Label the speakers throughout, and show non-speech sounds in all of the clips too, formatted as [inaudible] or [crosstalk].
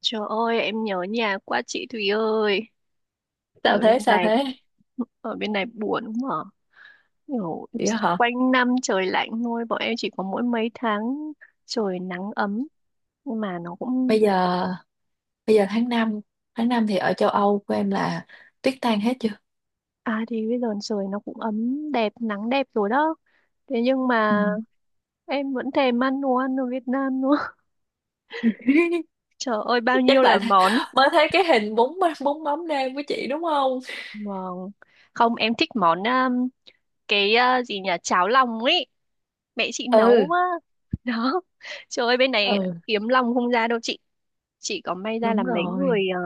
Speaker 1: Trời ơi, em nhớ nhà quá chị Thùy ơi. Ở
Speaker 2: sao
Speaker 1: bên
Speaker 2: thế sao
Speaker 1: này,
Speaker 2: thế
Speaker 1: ở bên này buồn mà. Kiểu
Speaker 2: Vậy đó hả?
Speaker 1: quanh năm trời lạnh thôi, bọn em chỉ có mỗi mấy tháng trời nắng ấm. Nhưng mà
Speaker 2: bây giờ Bây giờ tháng năm, tháng 5 thì ở châu Âu của em là tuyết tan hết chưa?
Speaker 1: à thì bây giờ trời nó cũng ấm đẹp, nắng đẹp rồi đó. Thế nhưng
Speaker 2: Ừ.
Speaker 1: mà em vẫn thèm ăn đồ ăn ở Việt Nam nữa. [laughs] Trời ơi,
Speaker 2: [laughs]
Speaker 1: bao nhiêu
Speaker 2: Chắc
Speaker 1: là
Speaker 2: lại
Speaker 1: món.
Speaker 2: mới thấy cái hình bún bún mắm nêm của chị đúng không?
Speaker 1: Vâng. Không, em thích món, cái gì nhỉ, cháo lòng ấy mẹ chị nấu
Speaker 2: Ừ.
Speaker 1: á. [laughs] Đó, trời ơi, bên này
Speaker 2: Ừ,
Speaker 1: kiếm lòng không ra đâu chị. Chị có, may ra
Speaker 2: đúng
Speaker 1: là
Speaker 2: rồi.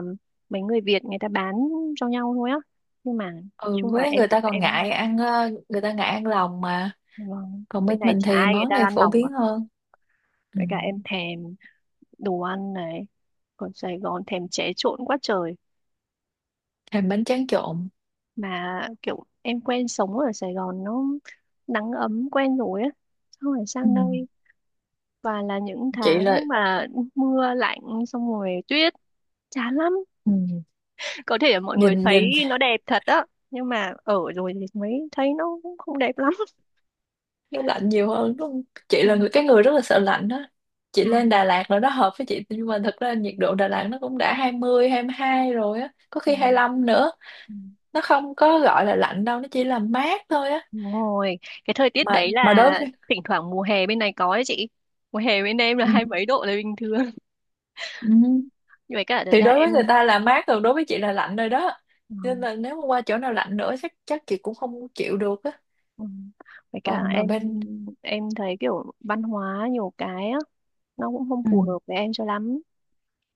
Speaker 1: mấy người Việt người ta bán cho nhau thôi á. Nhưng mà nói
Speaker 2: Ừ,
Speaker 1: chung mà
Speaker 2: với
Speaker 1: em
Speaker 2: người ta
Speaker 1: cũng
Speaker 2: còn
Speaker 1: em
Speaker 2: ngại ăn người ta ngại ăn lòng mà.
Speaker 1: vâng,
Speaker 2: Còn bên
Speaker 1: bên này
Speaker 2: mình
Speaker 1: chả
Speaker 2: thì
Speaker 1: ai người
Speaker 2: món
Speaker 1: ta
Speaker 2: này
Speaker 1: ăn
Speaker 2: phổ
Speaker 1: lòng cả.
Speaker 2: biến hơn. Ừ.
Speaker 1: Với cả em thèm đồ ăn này, còn Sài Gòn thèm chế trộn quá trời.
Speaker 2: Thêm bánh tráng trộn.
Speaker 1: Mà kiểu em quen sống ở Sài Gòn nó nắng ấm quen rồi á, xong rồi
Speaker 2: Ừ.
Speaker 1: sang đây và là những
Speaker 2: Chị là.
Speaker 1: tháng mà mưa lạnh, xong rồi tuyết, chán lắm.
Speaker 2: Ừ.
Speaker 1: Có thể là mọi người
Speaker 2: nhìn
Speaker 1: thấy
Speaker 2: nhìn
Speaker 1: nó đẹp thật á, nhưng mà ở rồi thì mới thấy nó cũng không đẹp lắm.
Speaker 2: nó lạnh nhiều hơn đúng không? Chị
Speaker 1: Ừ,
Speaker 2: là người rất là sợ lạnh đó. Chị
Speaker 1: ừ,
Speaker 2: lên Đà Lạt là nó hợp với chị, nhưng mà thật ra nhiệt độ Đà Lạt nó cũng đã hai hai mươi hai mươi hai rồi á, có
Speaker 1: ừ,
Speaker 2: khi hai lăm nữa.
Speaker 1: ừ.
Speaker 2: Nó không có gọi là lạnh đâu, nó chỉ là mát thôi á.
Speaker 1: Đúng rồi, cái thời tiết
Speaker 2: mà
Speaker 1: đấy
Speaker 2: mà đối
Speaker 1: là
Speaker 2: với.
Speaker 1: thỉnh thoảng mùa hè bên này có ấy chị. Mùa hè bên em là
Speaker 2: ừ,
Speaker 1: hai mấy độ là bình thường.
Speaker 2: ừ.
Speaker 1: [laughs] Nhưng mà cả thật
Speaker 2: Thì
Speaker 1: ra
Speaker 2: đối
Speaker 1: em
Speaker 2: với người ta là mát rồi, đối với chị là lạnh rồi đó.
Speaker 1: ừ.
Speaker 2: Nên là nếu mà qua chỗ nào lạnh nữa, chắc chắc chị cũng không chịu được á.
Speaker 1: Ừ. Với
Speaker 2: mà
Speaker 1: cả
Speaker 2: mà bên.
Speaker 1: em thấy kiểu văn hóa nhiều cái á nó cũng không
Speaker 2: Ừ.
Speaker 1: phù hợp với em cho lắm.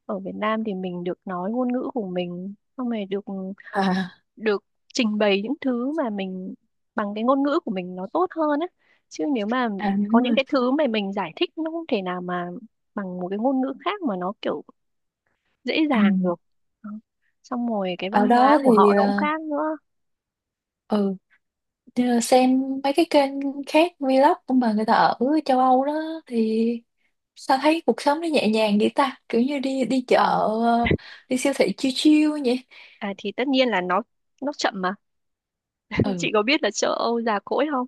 Speaker 1: Ở Việt Nam thì mình được nói ngôn ngữ của mình, xong rồi được
Speaker 2: À,
Speaker 1: được trình bày những thứ mà mình, bằng cái ngôn ngữ của mình nó tốt hơn á. Chứ nếu mà
Speaker 2: à
Speaker 1: có
Speaker 2: đúng
Speaker 1: những
Speaker 2: rồi.
Speaker 1: cái thứ mà mình giải thích nó không thể nào mà bằng một cái ngôn ngữ khác mà nó kiểu dễ
Speaker 2: Ừ.
Speaker 1: dàng được. Đó. Xong rồi cái văn
Speaker 2: Ở
Speaker 1: hóa
Speaker 2: đó
Speaker 1: của
Speaker 2: thì
Speaker 1: họ nó cũng khác nữa.
Speaker 2: ừ, nhờ xem mấy cái kênh khác, vlog của mà người ta ở châu Âu đó, thì sao thấy cuộc sống nó nhẹ nhàng vậy ta, kiểu như đi đi chợ,
Speaker 1: Ờ,
Speaker 2: ờ, đi siêu thị chill chill vậy.
Speaker 1: à, thì tất nhiên là nó chậm mà.
Speaker 2: Ừ,
Speaker 1: Chị có biết là châu Âu già cỗi không?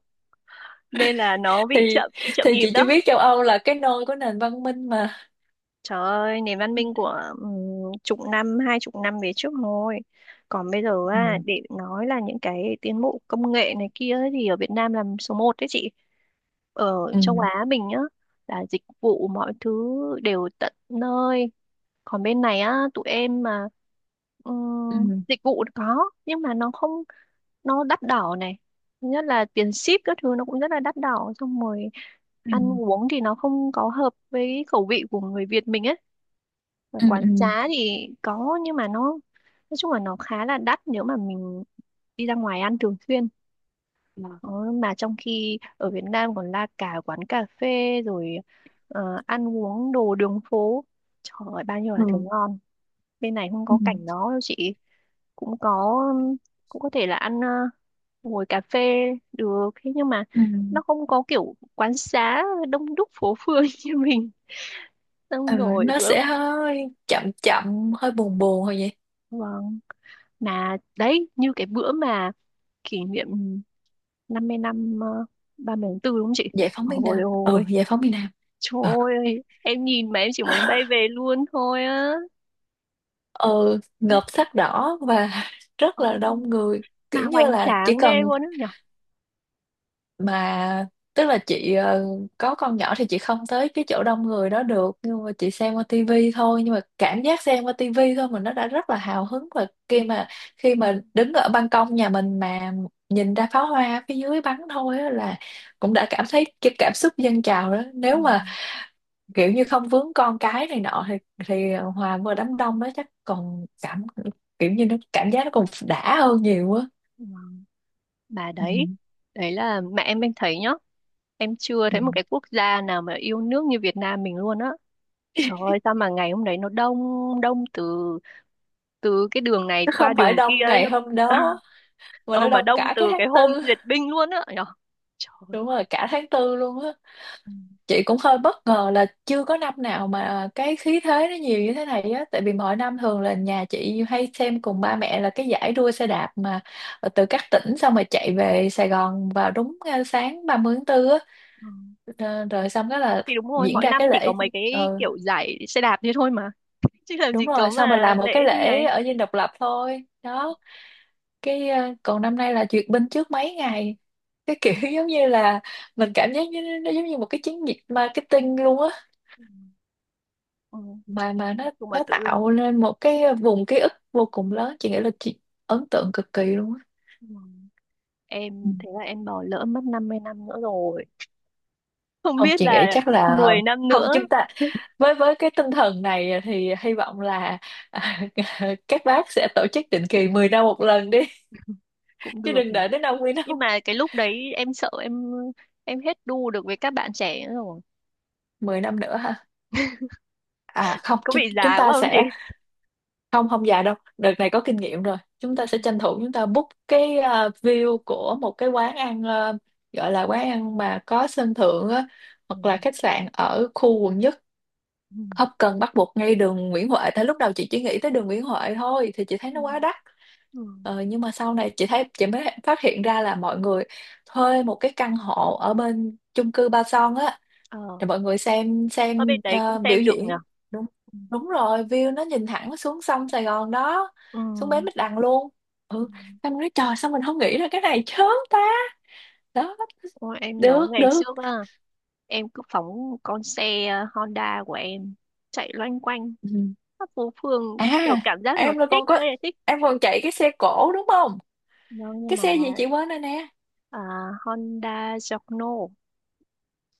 Speaker 1: Nên là nó bị
Speaker 2: thì
Speaker 1: chậm chậm
Speaker 2: thì
Speaker 1: nhịp
Speaker 2: chị chỉ
Speaker 1: đó.
Speaker 2: biết châu Âu là cái nôi của nền văn minh mà.
Speaker 1: Trời ơi, nền văn minh của chục năm, hai chục năm về trước thôi. Còn bây giờ á,
Speaker 2: Ừ,
Speaker 1: để nói là những cái tiến bộ công nghệ này kia ấy, thì ở Việt Nam là số một đấy chị. Ở
Speaker 2: ừ,
Speaker 1: châu Á mình nhá, là dịch vụ mọi thứ đều tận nơi, còn bên này á tụi em mà
Speaker 2: ừ.
Speaker 1: dịch vụ có nhưng mà nó không, nó đắt đỏ này. Thứ nhất là tiền ship các thứ nó cũng rất là đắt đỏ, xong rồi ăn
Speaker 2: Ừ,
Speaker 1: uống thì nó không có hợp với khẩu vị của người Việt mình ấy. Mà
Speaker 2: ừ,
Speaker 1: quán
Speaker 2: ừ. Ừ,
Speaker 1: trá thì có nhưng mà nó nói chung là nó khá là đắt nếu mà mình đi ra ngoài ăn thường xuyên. Đó, mà trong khi ở Việt Nam còn la cả quán cà phê, rồi ăn uống đồ đường phố, trời ơi bao nhiêu là thứ
Speaker 2: ừ,
Speaker 1: ngon. Bên này không
Speaker 2: ừ,
Speaker 1: có cảnh đó đâu chị. Cũng có, cũng có thể là ngồi cà phê được, thế nhưng mà
Speaker 2: ừ.
Speaker 1: nó không có kiểu quán xá đông đúc phố phường [laughs] như mình.
Speaker 2: Ừ,
Speaker 1: Xong rồi
Speaker 2: nó
Speaker 1: bữa,
Speaker 2: sẽ hơi chậm chậm hơi buồn buồn thôi vậy.
Speaker 1: vâng, mà đấy như cái bữa mà kỷ niệm 50 năm 30 tháng 4 đúng không chị?
Speaker 2: Giải phóng miền
Speaker 1: Ôi
Speaker 2: Nam, ừ,
Speaker 1: ôi
Speaker 2: giải phóng miền Nam.
Speaker 1: trời
Speaker 2: Ừ,
Speaker 1: ơi, em nhìn mà em chỉ muốn bay về luôn thôi á.
Speaker 2: ừ, ngợp sắc đỏ và [laughs] rất
Speaker 1: Ờ,
Speaker 2: là đông người.
Speaker 1: mà
Speaker 2: Kiểu như
Speaker 1: hoành
Speaker 2: là chỉ
Speaker 1: tráng ghê
Speaker 2: cần,
Speaker 1: luôn á nhở.
Speaker 2: mà tức là chị, có con nhỏ thì chị không tới cái chỗ đông người đó được, nhưng mà chị xem qua tivi thôi, nhưng mà cảm giác xem qua tivi thôi mà nó đã rất là hào hứng, và
Speaker 1: Ừ,
Speaker 2: khi mà, khi mà đứng ở ban công nhà mình mà nhìn ra pháo hoa phía dưới bắn thôi á, là cũng đã cảm thấy cái cảm xúc dâng trào đó.
Speaker 1: ừ,
Speaker 2: Nếu mà kiểu như không vướng con cái này nọ thì hòa vừa đám đông đó chắc còn cảm, kiểu như nó cảm giác nó còn đã hơn nhiều á.
Speaker 1: ừ. Bà
Speaker 2: Ừ.
Speaker 1: đấy, đấy là mẹ em đang thấy nhá. Em chưa
Speaker 2: Ừ.
Speaker 1: thấy một cái quốc gia nào mà yêu nước như Việt Nam mình luôn á. Trời ơi sao mà ngày hôm đấy nó đông, đông từ từ cái đường này
Speaker 2: Nó
Speaker 1: qua
Speaker 2: không phải
Speaker 1: đường
Speaker 2: đông
Speaker 1: kia ấy,
Speaker 2: ngày
Speaker 1: nó
Speaker 2: hôm
Speaker 1: [laughs]
Speaker 2: đó mà
Speaker 1: ờ
Speaker 2: nó
Speaker 1: mà
Speaker 2: đông
Speaker 1: đông
Speaker 2: cả
Speaker 1: từ
Speaker 2: cái
Speaker 1: cái
Speaker 2: tháng
Speaker 1: hôm
Speaker 2: tư.
Speaker 1: duyệt binh luôn á nhở? Trời ơi.
Speaker 2: Đúng rồi, cả tháng tư luôn á.
Speaker 1: Ừ.
Speaker 2: Chị cũng hơi bất ngờ là chưa có năm nào mà cái khí thế nó nhiều như thế này á, tại vì mọi năm thường là nhà chị hay xem cùng ba mẹ là cái giải đua xe đạp mà từ các tỉnh, xong rồi chạy về Sài Gòn vào đúng sáng 30 tháng 4.
Speaker 1: Ừ.
Speaker 2: Ờ, rồi xong đó là
Speaker 1: Thì đúng rồi,
Speaker 2: diễn
Speaker 1: mỗi
Speaker 2: ra
Speaker 1: năm
Speaker 2: cái
Speaker 1: chỉ có
Speaker 2: lễ.
Speaker 1: mấy
Speaker 2: Ừ,
Speaker 1: cái kiểu giải xe đạp thế thôi mà, chứ làm
Speaker 2: đúng
Speaker 1: gì
Speaker 2: rồi,
Speaker 1: có
Speaker 2: xong rồi
Speaker 1: mà
Speaker 2: làm một
Speaker 1: lễ
Speaker 2: cái
Speaker 1: như
Speaker 2: lễ
Speaker 1: này.
Speaker 2: ở Dinh Độc Lập thôi đó. Còn năm nay là duyệt binh trước mấy ngày, cái kiểu [laughs] giống như là mình cảm giác như nó giống như một cái chiến dịch marketing luôn á.
Speaker 1: Ừ. Ừ.
Speaker 2: Mà nó
Speaker 1: Nhưng mà tự
Speaker 2: tạo
Speaker 1: dưng
Speaker 2: nên một cái vùng ký ức vô cùng lớn. Chị nghĩ là chị ấn tượng cực kỳ luôn á.
Speaker 1: ừ.
Speaker 2: Ừ.
Speaker 1: Em thế là em bỏ lỡ mất 50 năm nữa rồi. [laughs] Không
Speaker 2: Không,
Speaker 1: biết
Speaker 2: chị nghĩ
Speaker 1: là
Speaker 2: chắc là,
Speaker 1: 10 năm
Speaker 2: không,
Speaker 1: nữa
Speaker 2: chúng ta, với cái tinh thần này thì hy vọng là [laughs] các bác sẽ tổ chức định kỳ 10 năm một lần đi,
Speaker 1: cũng
Speaker 2: chứ
Speaker 1: được
Speaker 2: đừng
Speaker 1: mà.
Speaker 2: đợi tới 50 năm.
Speaker 1: Nhưng mà cái lúc đấy em sợ em hết đu được với các bạn trẻ nữa rồi.
Speaker 2: [laughs] 10 năm nữa ha. À không,
Speaker 1: Có
Speaker 2: chúng
Speaker 1: bị
Speaker 2: chúng
Speaker 1: già
Speaker 2: ta
Speaker 1: quá không chị?
Speaker 2: sẽ, không không già đâu, đợt này có kinh nghiệm rồi. Chúng ta sẽ tranh thủ, chúng ta book cái view của một cái quán ăn, gọi là quán ăn mà có sân thượng á, hoặc là khách
Speaker 1: [laughs]
Speaker 2: sạn ở khu quận nhất.
Speaker 1: Ừ. Ừ.
Speaker 2: Không cần bắt buộc ngay đường Nguyễn Huệ, tại lúc đầu chị chỉ nghĩ tới đường Nguyễn Huệ thôi, thì chị thấy
Speaker 1: Ừ.
Speaker 2: nó quá đắt.
Speaker 1: Ừ.
Speaker 2: Ờ, nhưng mà sau này chị thấy, chị mới phát hiện ra là mọi người thuê một cái căn hộ ở bên chung cư Ba Son á,
Speaker 1: Ờ,
Speaker 2: để mọi người xem
Speaker 1: ở bên đấy cũng
Speaker 2: biểu
Speaker 1: xem được nhỉ.
Speaker 2: diễn. Đúng
Speaker 1: Ừ.
Speaker 2: Đúng rồi, view nó nhìn thẳng xuống sông Sài Gòn đó,
Speaker 1: Ừ.
Speaker 2: xuống bến Bạch Đằng luôn.
Speaker 1: Ừ.
Speaker 2: Ừ, em nói trời sao mình không nghĩ ra cái này chớm ta. Đó.
Speaker 1: Ôi, em nhớ
Speaker 2: Được,
Speaker 1: ngày
Speaker 2: được.
Speaker 1: trước á, em cứ phóng con xe Honda của em chạy loanh quanh
Speaker 2: Ừ.
Speaker 1: khắp phố phường,
Speaker 2: À,
Speaker 1: kiểu cảm giác nó
Speaker 2: em rồi
Speaker 1: thích
Speaker 2: còn có,
Speaker 1: ơi là thích.
Speaker 2: em còn chạy cái xe cổ đúng không?
Speaker 1: Vâng, nhưng
Speaker 2: Cái
Speaker 1: mà
Speaker 2: xe gì chị quên rồi nè.
Speaker 1: à, Honda Giorno,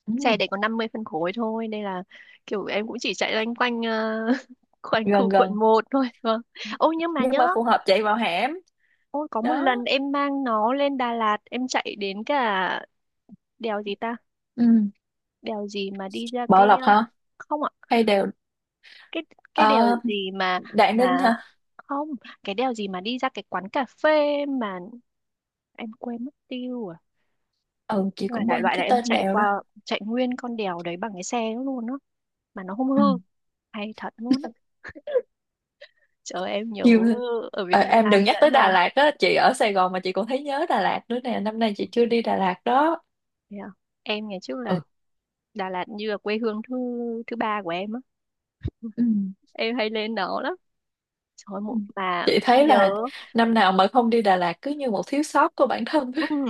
Speaker 2: Ừ.
Speaker 1: xe đấy có 50 phân khối thôi nên là kiểu em cũng chỉ chạy loanh quanh [laughs] quanh
Speaker 2: Gần
Speaker 1: khu quận
Speaker 2: gần,
Speaker 1: một thôi. Vâng, ôi nhưng mà
Speaker 2: nhưng
Speaker 1: nhớ.
Speaker 2: mà phù hợp chạy vào hẻm.
Speaker 1: Ôi có một
Speaker 2: Đó.
Speaker 1: lần em mang nó lên Đà Lạt, em chạy đến cả đèo gì ta,
Speaker 2: Ừ.
Speaker 1: đèo gì mà đi ra
Speaker 2: Bảo
Speaker 1: cái
Speaker 2: Lộc
Speaker 1: ờ,
Speaker 2: hả?
Speaker 1: không ạ,
Speaker 2: Hay đều.
Speaker 1: cái cái đèo
Speaker 2: Ờ,
Speaker 1: gì mà
Speaker 2: Đại Ninh
Speaker 1: mà
Speaker 2: hả?
Speaker 1: không, cái đèo gì mà đi ra cái quán cà phê mà em quên mất tiêu à.
Speaker 2: Ừ, chị
Speaker 1: Nhưng mà
Speaker 2: cũng
Speaker 1: đại
Speaker 2: quên
Speaker 1: loại là
Speaker 2: cái
Speaker 1: em
Speaker 2: tên
Speaker 1: chạy
Speaker 2: đèo đó.
Speaker 1: qua, chạy nguyên con đèo đấy bằng cái xe luôn á, mà nó không hư,
Speaker 2: Ừ.
Speaker 1: hay thật luôn á. Trời ơi, em nhớ
Speaker 2: Chiêu thôi.
Speaker 1: ở Việt
Speaker 2: Ờ, em
Speaker 1: Nam
Speaker 2: đừng nhắc
Speaker 1: dã
Speaker 2: tới Đà
Speaker 1: man.
Speaker 2: Lạt á, chị ở Sài Gòn mà chị còn thấy nhớ Đà Lạt nữa nè, năm nay chị chưa đi Đà Lạt đó.
Speaker 1: Yeah. Em ngày trước là
Speaker 2: Ừ.
Speaker 1: Đà Lạt như là quê hương thứ thứ ba của em á.
Speaker 2: Ừ.
Speaker 1: Em hay lên đó lắm. Trời ơi,
Speaker 2: Ừ.
Speaker 1: một mà
Speaker 2: Chị thấy là
Speaker 1: nhớ.
Speaker 2: năm nào mà không đi Đà Lạt cứ như một thiếu sót của bản thân.
Speaker 1: Ừ,
Speaker 2: [laughs]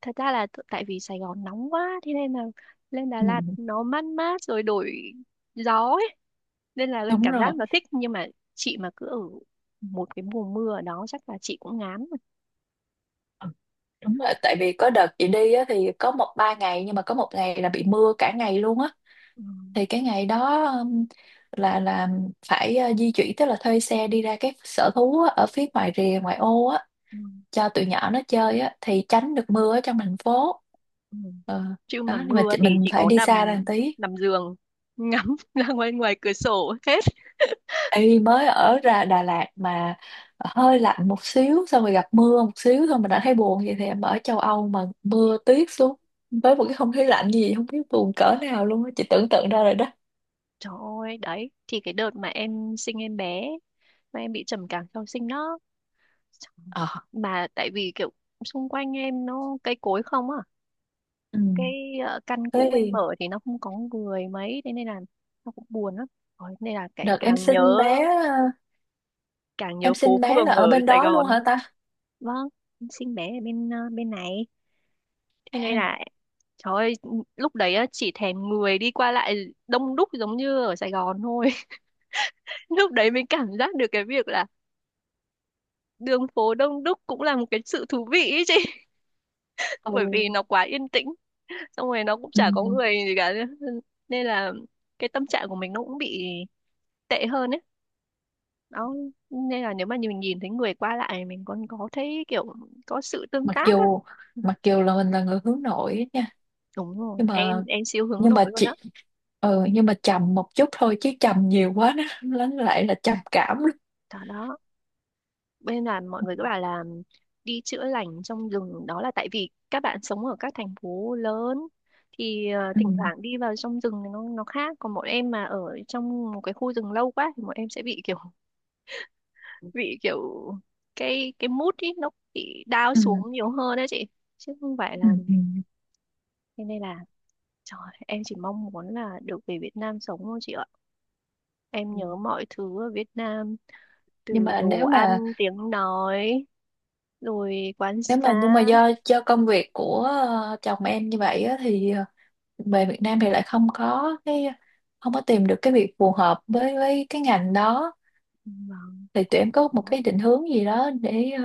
Speaker 1: thật ra là tại vì Sài Gòn nóng quá thế nên là lên Đà
Speaker 2: Ừ.
Speaker 1: Lạt nó mát mát rồi đổi gió ấy. Nên là
Speaker 2: Đúng
Speaker 1: cảm
Speaker 2: rồi.
Speaker 1: giác nó thích, nhưng mà chị mà cứ ở một cái mùa mưa ở đó chắc là chị cũng ngán rồi.
Speaker 2: Ừ, đúng rồi, tại vì có đợt chị đi á, thì có một ba ngày nhưng mà có một ngày là bị mưa cả ngày luôn á,
Speaker 1: Ừ.
Speaker 2: thì cái ngày đó là phải di chuyển, tức là thuê xe đi ra các sở thú á, ở phía ngoài rìa ngoại ô á,
Speaker 1: Ừ.
Speaker 2: cho tụi nhỏ nó chơi á, thì tránh được mưa ở trong thành phố.
Speaker 1: Ừ.
Speaker 2: Ờ,
Speaker 1: Chứ mà
Speaker 2: đó, nhưng mà
Speaker 1: mưa
Speaker 2: chị,
Speaker 1: thì
Speaker 2: mình
Speaker 1: chị
Speaker 2: phải
Speaker 1: có
Speaker 2: đi xa ra
Speaker 1: nằm,
Speaker 2: một tí
Speaker 1: nằm giường ngắm [laughs] ra ngoài, ngoài cửa sổ hết.
Speaker 2: y mới ở ra Đà Lạt mà. Hơi lạnh một xíu, xong rồi gặp mưa một xíu thôi mình đã thấy buồn vậy, thì em ở châu Âu mà mưa tuyết xuống với một cái không khí lạnh như vậy, không biết buồn cỡ nào luôn á, chị tưởng tượng ra rồi đó.
Speaker 1: Trời ơi đấy, thì cái đợt mà em sinh em bé mà em bị trầm cảm sau sinh đó. Trời,
Speaker 2: Ờ,
Speaker 1: mà tại vì kiểu xung quanh em nó cây cối không à.
Speaker 2: ừ.
Speaker 1: cái căn
Speaker 2: Thế
Speaker 1: cũ em
Speaker 2: thì
Speaker 1: ở thì nó không có người mấy, thế nên là nó cũng buồn lắm. Rồi, nên là cái
Speaker 2: đợt em
Speaker 1: càng
Speaker 2: sinh
Speaker 1: nhớ,
Speaker 2: bé
Speaker 1: càng nhớ
Speaker 2: em
Speaker 1: phố
Speaker 2: sinh bé là
Speaker 1: phường ở
Speaker 2: ở bên
Speaker 1: Sài
Speaker 2: đó
Speaker 1: Gòn.
Speaker 2: luôn hả ta?
Speaker 1: Vâng, em sinh bé ở bên này, thế nên
Speaker 2: À.
Speaker 1: là, trời ơi, lúc đấy á, chỉ thèm người đi qua lại đông đúc giống như ở Sài Gòn thôi. [laughs] Lúc đấy mình cảm giác được cái việc là đường phố đông đúc cũng là một cái sự thú vị ý chị. [laughs] Bởi vì
Speaker 2: Ừ.
Speaker 1: nó quá yên tĩnh, xong rồi nó cũng
Speaker 2: Ừ.
Speaker 1: chả có người gì cả. [laughs] Nên là cái tâm trạng của mình nó cũng bị tệ hơn ấy. Đó. Nên là nếu mà mình nhìn thấy người qua lại mình còn có thấy kiểu có sự tương
Speaker 2: Mặc
Speaker 1: tác á.
Speaker 2: dù, mặc dù là mình là người hướng nội á nha,
Speaker 1: Đúng rồi,
Speaker 2: nhưng
Speaker 1: em
Speaker 2: mà,
Speaker 1: em siêu hướng nội luôn á.
Speaker 2: chị, ừ, nhưng mà trầm một chút thôi, chứ trầm nhiều quá nó lại là trầm cảm luôn.
Speaker 1: Đó đó. Bên là mọi người cứ bảo là đi chữa lành trong rừng đó là tại vì các bạn sống ở các thành phố lớn thì
Speaker 2: Ừ,
Speaker 1: thỉnh thoảng đi vào trong rừng thì nó khác, còn bọn em mà ở trong một cái khu rừng lâu quá thì bọn em sẽ bị kiểu [laughs] bị kiểu cái mood ý nó bị down
Speaker 2: ừ,
Speaker 1: xuống nhiều hơn đấy chị, chứ không phải là,
Speaker 2: ừ, ừ.
Speaker 1: thế nên là, trời, em chỉ mong muốn là được về Việt Nam sống thôi chị ạ. Em
Speaker 2: Ừ.
Speaker 1: nhớ mọi thứ ở Việt Nam,
Speaker 2: Nhưng
Speaker 1: từ
Speaker 2: mà
Speaker 1: đồ
Speaker 2: nếu
Speaker 1: ăn,
Speaker 2: mà,
Speaker 1: tiếng nói, rồi quán xá.
Speaker 2: nhưng mà do công việc của chồng em như vậy á, thì ờ, về Việt Nam thì lại không có cái, không có tìm được cái việc phù hợp với cái ngành đó,
Speaker 1: Vâng,
Speaker 2: thì tụi
Speaker 1: cũng
Speaker 2: em có một
Speaker 1: có.
Speaker 2: cái định hướng gì đó để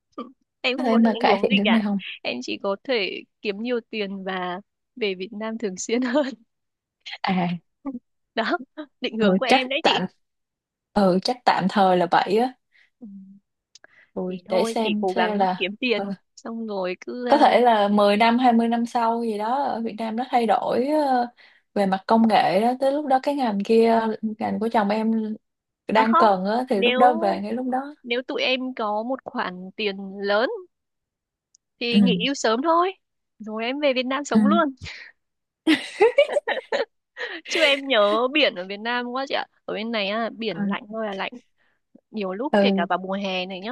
Speaker 1: [laughs] Em
Speaker 2: có
Speaker 1: không
Speaker 2: thể
Speaker 1: có được
Speaker 2: mà
Speaker 1: ảnh
Speaker 2: cải
Speaker 1: hưởng
Speaker 2: thiện
Speaker 1: gì
Speaker 2: được
Speaker 1: cả.
Speaker 2: này không?
Speaker 1: Em chỉ có thể kiếm nhiều tiền và về Việt Nam thường xuyên hơn.
Speaker 2: À,
Speaker 1: [laughs] Đó, định
Speaker 2: ừ,
Speaker 1: hướng của
Speaker 2: chắc
Speaker 1: em đấy chị.
Speaker 2: tạm ừ chắc tạm thời là vậy á.
Speaker 1: Ừ,
Speaker 2: Rồi
Speaker 1: thì
Speaker 2: để
Speaker 1: thôi, chị cố gắng
Speaker 2: xem là,
Speaker 1: kiếm tiền.
Speaker 2: ờ,
Speaker 1: Xong rồi cứ...
Speaker 2: có
Speaker 1: À,
Speaker 2: thể là 10 năm, 20 năm sau gì đó, ở Việt Nam nó thay đổi, ờ, về mặt công nghệ đó, tới lúc đó cái ngành kia, ngành của chồng em
Speaker 1: à
Speaker 2: đang
Speaker 1: không,
Speaker 2: cần á, thì lúc
Speaker 1: nếu
Speaker 2: đó về ngay lúc đó.
Speaker 1: nếu tụi em có một khoản tiền lớn
Speaker 2: Ừ,
Speaker 1: thì nghỉ hưu sớm thôi. Rồi em về Việt Nam
Speaker 2: ừ,
Speaker 1: sống luôn. [laughs] Chứ em nhớ biển ở Việt Nam quá chị ạ. Ở bên này á, biển
Speaker 2: ừ,
Speaker 1: lạnh thôi là lạnh. Nhiều lúc kể cả
Speaker 2: ừ,
Speaker 1: vào mùa hè này nhá,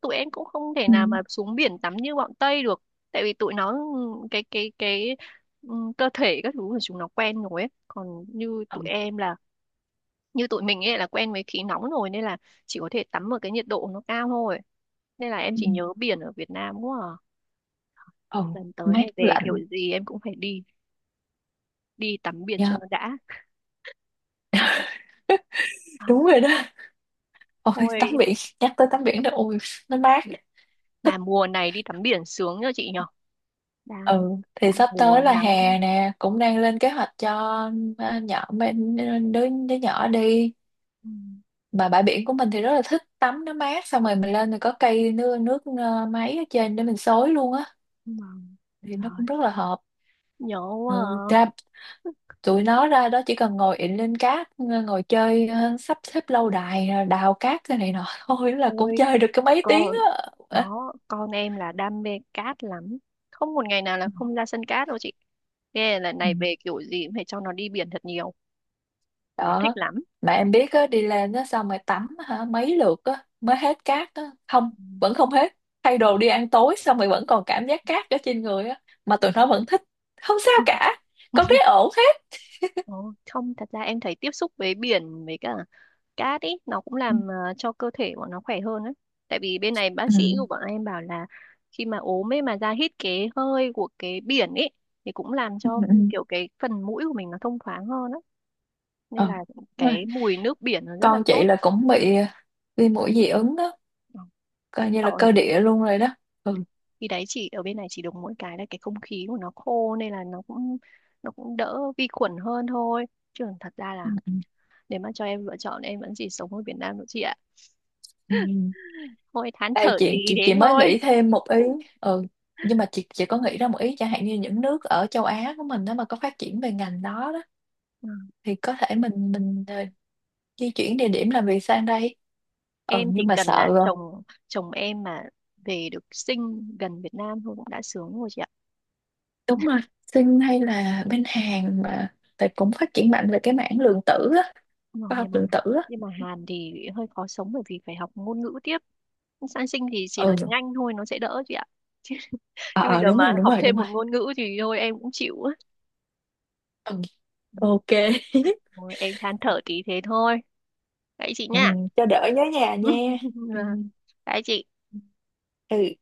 Speaker 1: tụi em cũng không thể
Speaker 2: ừ,
Speaker 1: nào mà xuống biển tắm như bọn Tây được, tại vì tụi nó ừ, cái ừ, cơ thể các thứ của chúng nó quen rồi ấy, còn như tụi
Speaker 2: ừ,
Speaker 1: em là như tụi mình ấy là quen với khí nóng rồi, nên là chỉ có thể tắm ở cái nhiệt độ nó cao thôi, nên là em
Speaker 2: ừ.
Speaker 1: chỉ nhớ biển ở Việt Nam quá à.
Speaker 2: Ừ,
Speaker 1: Lần tới
Speaker 2: mát
Speaker 1: này về kiểu
Speaker 2: lạnh.
Speaker 1: gì em cũng phải đi, đi tắm biển cho
Speaker 2: Dạ,
Speaker 1: nó đã. À,
Speaker 2: đúng rồi đó. Ôi tắm
Speaker 1: thôi,
Speaker 2: biển, nhắc tới tắm biển đó, ôi nó mát, thích.
Speaker 1: mà mùa này đi tắm biển sướng nhờ chị nhở. Đang,
Speaker 2: Ừ, thì
Speaker 1: đang
Speaker 2: sắp
Speaker 1: mùa
Speaker 2: tới là
Speaker 1: nắng.
Speaker 2: hè nè, cũng đang lên kế hoạch cho, nhỏ bên, đứa đứa nhỏ đi.
Speaker 1: Ừ,
Speaker 2: Mà bãi biển của mình thì rất là thích tắm, nó mát, xong rồi mình lên thì có cây nước nước máy ở trên để mình xối luôn á,
Speaker 1: vâng.
Speaker 2: thì nó
Speaker 1: Trời,
Speaker 2: cũng rất là hợp.
Speaker 1: nhớ quá
Speaker 2: Ừ, ra,
Speaker 1: à.
Speaker 2: tụi nó ra đó chỉ cần ngồi ịn lên cát, ngồi chơi, sắp xếp lâu đài, đào cát cái này nọ [laughs] thôi là cũng
Speaker 1: Ôi
Speaker 2: chơi được cái mấy tiếng
Speaker 1: con,
Speaker 2: á.
Speaker 1: đó con em là đam mê cát lắm, không một ngày nào là không ra sân cát đâu chị. Nghe lần
Speaker 2: Ừ.
Speaker 1: này về kiểu gì cũng phải cho nó đi biển thật nhiều, nó thích
Speaker 2: Đó.
Speaker 1: lắm.
Speaker 2: Mà em biết á, đi lên á xong rồi tắm hả mấy lượt á mới hết cát á. Không,
Speaker 1: Ừ.
Speaker 2: vẫn không hết, thay đồ đi ăn tối xong rồi vẫn còn cảm giác cát ở trên người á, mà tụi nó vẫn thích, không sao
Speaker 1: Ừ.
Speaker 2: cả, con thấy ổn hết.
Speaker 1: Ồ, không thật ra em thấy tiếp xúc với biển với cả cát ý nó cũng
Speaker 2: Ừ,
Speaker 1: cho cơ thể của nó khỏe hơn ấy. Tại vì bên này bác
Speaker 2: ừ,
Speaker 1: sĩ của bọn em bảo là khi mà ốm ấy mà ra hít cái hơi của cái biển ấy thì cũng làm
Speaker 2: ừ,
Speaker 1: cho
Speaker 2: ừ.
Speaker 1: kiểu cái phần mũi của mình nó thông thoáng hơn á. Nên
Speaker 2: Ờ,
Speaker 1: là
Speaker 2: đúng rồi.
Speaker 1: cái mùi nước biển nó rất là
Speaker 2: Con
Speaker 1: tốt.
Speaker 2: chị là cũng bị viêm mũi dị ứng á,
Speaker 1: Ờ,
Speaker 2: coi như
Speaker 1: sợ
Speaker 2: là
Speaker 1: nhỉ.
Speaker 2: cơ địa luôn rồi đó. Ừ,
Speaker 1: Khi đấy chỉ ở bên này chỉ được mỗi cái là cái không khí của nó khô nên là nó cũng đỡ vi khuẩn hơn thôi. Chứ còn thật ra là
Speaker 2: ừ, ừ,
Speaker 1: nếu mà cho em lựa chọn em vẫn chỉ sống ở Việt Nam thôi chị ạ.
Speaker 2: ừ.
Speaker 1: Thôi thán
Speaker 2: Đây
Speaker 1: thở tí
Speaker 2: chị, chị
Speaker 1: thế
Speaker 2: chị mới
Speaker 1: thôi.
Speaker 2: nghĩ thêm một ý.
Speaker 1: [laughs]
Speaker 2: Ừ, nhưng mà chị có nghĩ ra một ý, chẳng hạn như những nước ở châu Á của mình đó mà có phát triển về ngành đó đó,
Speaker 1: Ừ.
Speaker 2: thì có thể mình, ờ, di chuyển địa điểm làm việc sang đây. Ừ,
Speaker 1: Em chỉ
Speaker 2: nhưng mà
Speaker 1: cần
Speaker 2: sợ
Speaker 1: là
Speaker 2: rồi.
Speaker 1: chồng chồng em mà về được sinh gần Việt Nam thôi cũng đã sướng rồi chị ạ.
Speaker 2: Đúng rồi. Sinh hay là bên Hàn, mà tại cũng phát triển mạnh về cái mảng lượng tử á,
Speaker 1: Ừ,
Speaker 2: khoa học
Speaker 1: nhưng mà,
Speaker 2: lượng tử á.
Speaker 1: nhưng mà Hàn thì hơi khó sống bởi vì phải học ngôn ngữ tiếp. Sang sinh thì chỉ
Speaker 2: Ừ.
Speaker 1: nói tiếng Anh thôi nó sẽ đỡ chị ạ. [laughs] Chứ, chứ bây
Speaker 2: Ờ,
Speaker 1: giờ
Speaker 2: đúng
Speaker 1: mà
Speaker 2: rồi, đúng
Speaker 1: học
Speaker 2: rồi,
Speaker 1: thêm
Speaker 2: đúng rồi.
Speaker 1: một ngôn ngữ thì thôi em cũng chịu á.
Speaker 2: Ừ,
Speaker 1: Ừ,
Speaker 2: ok. [laughs]
Speaker 1: thôi em than thở tí thế thôi. Đấy chị
Speaker 2: Ừ,
Speaker 1: nha.
Speaker 2: cho đỡ nhớ nhà nha.
Speaker 1: [laughs]
Speaker 2: Ừ.
Speaker 1: Dạ. Đấy chị.
Speaker 2: Ừ.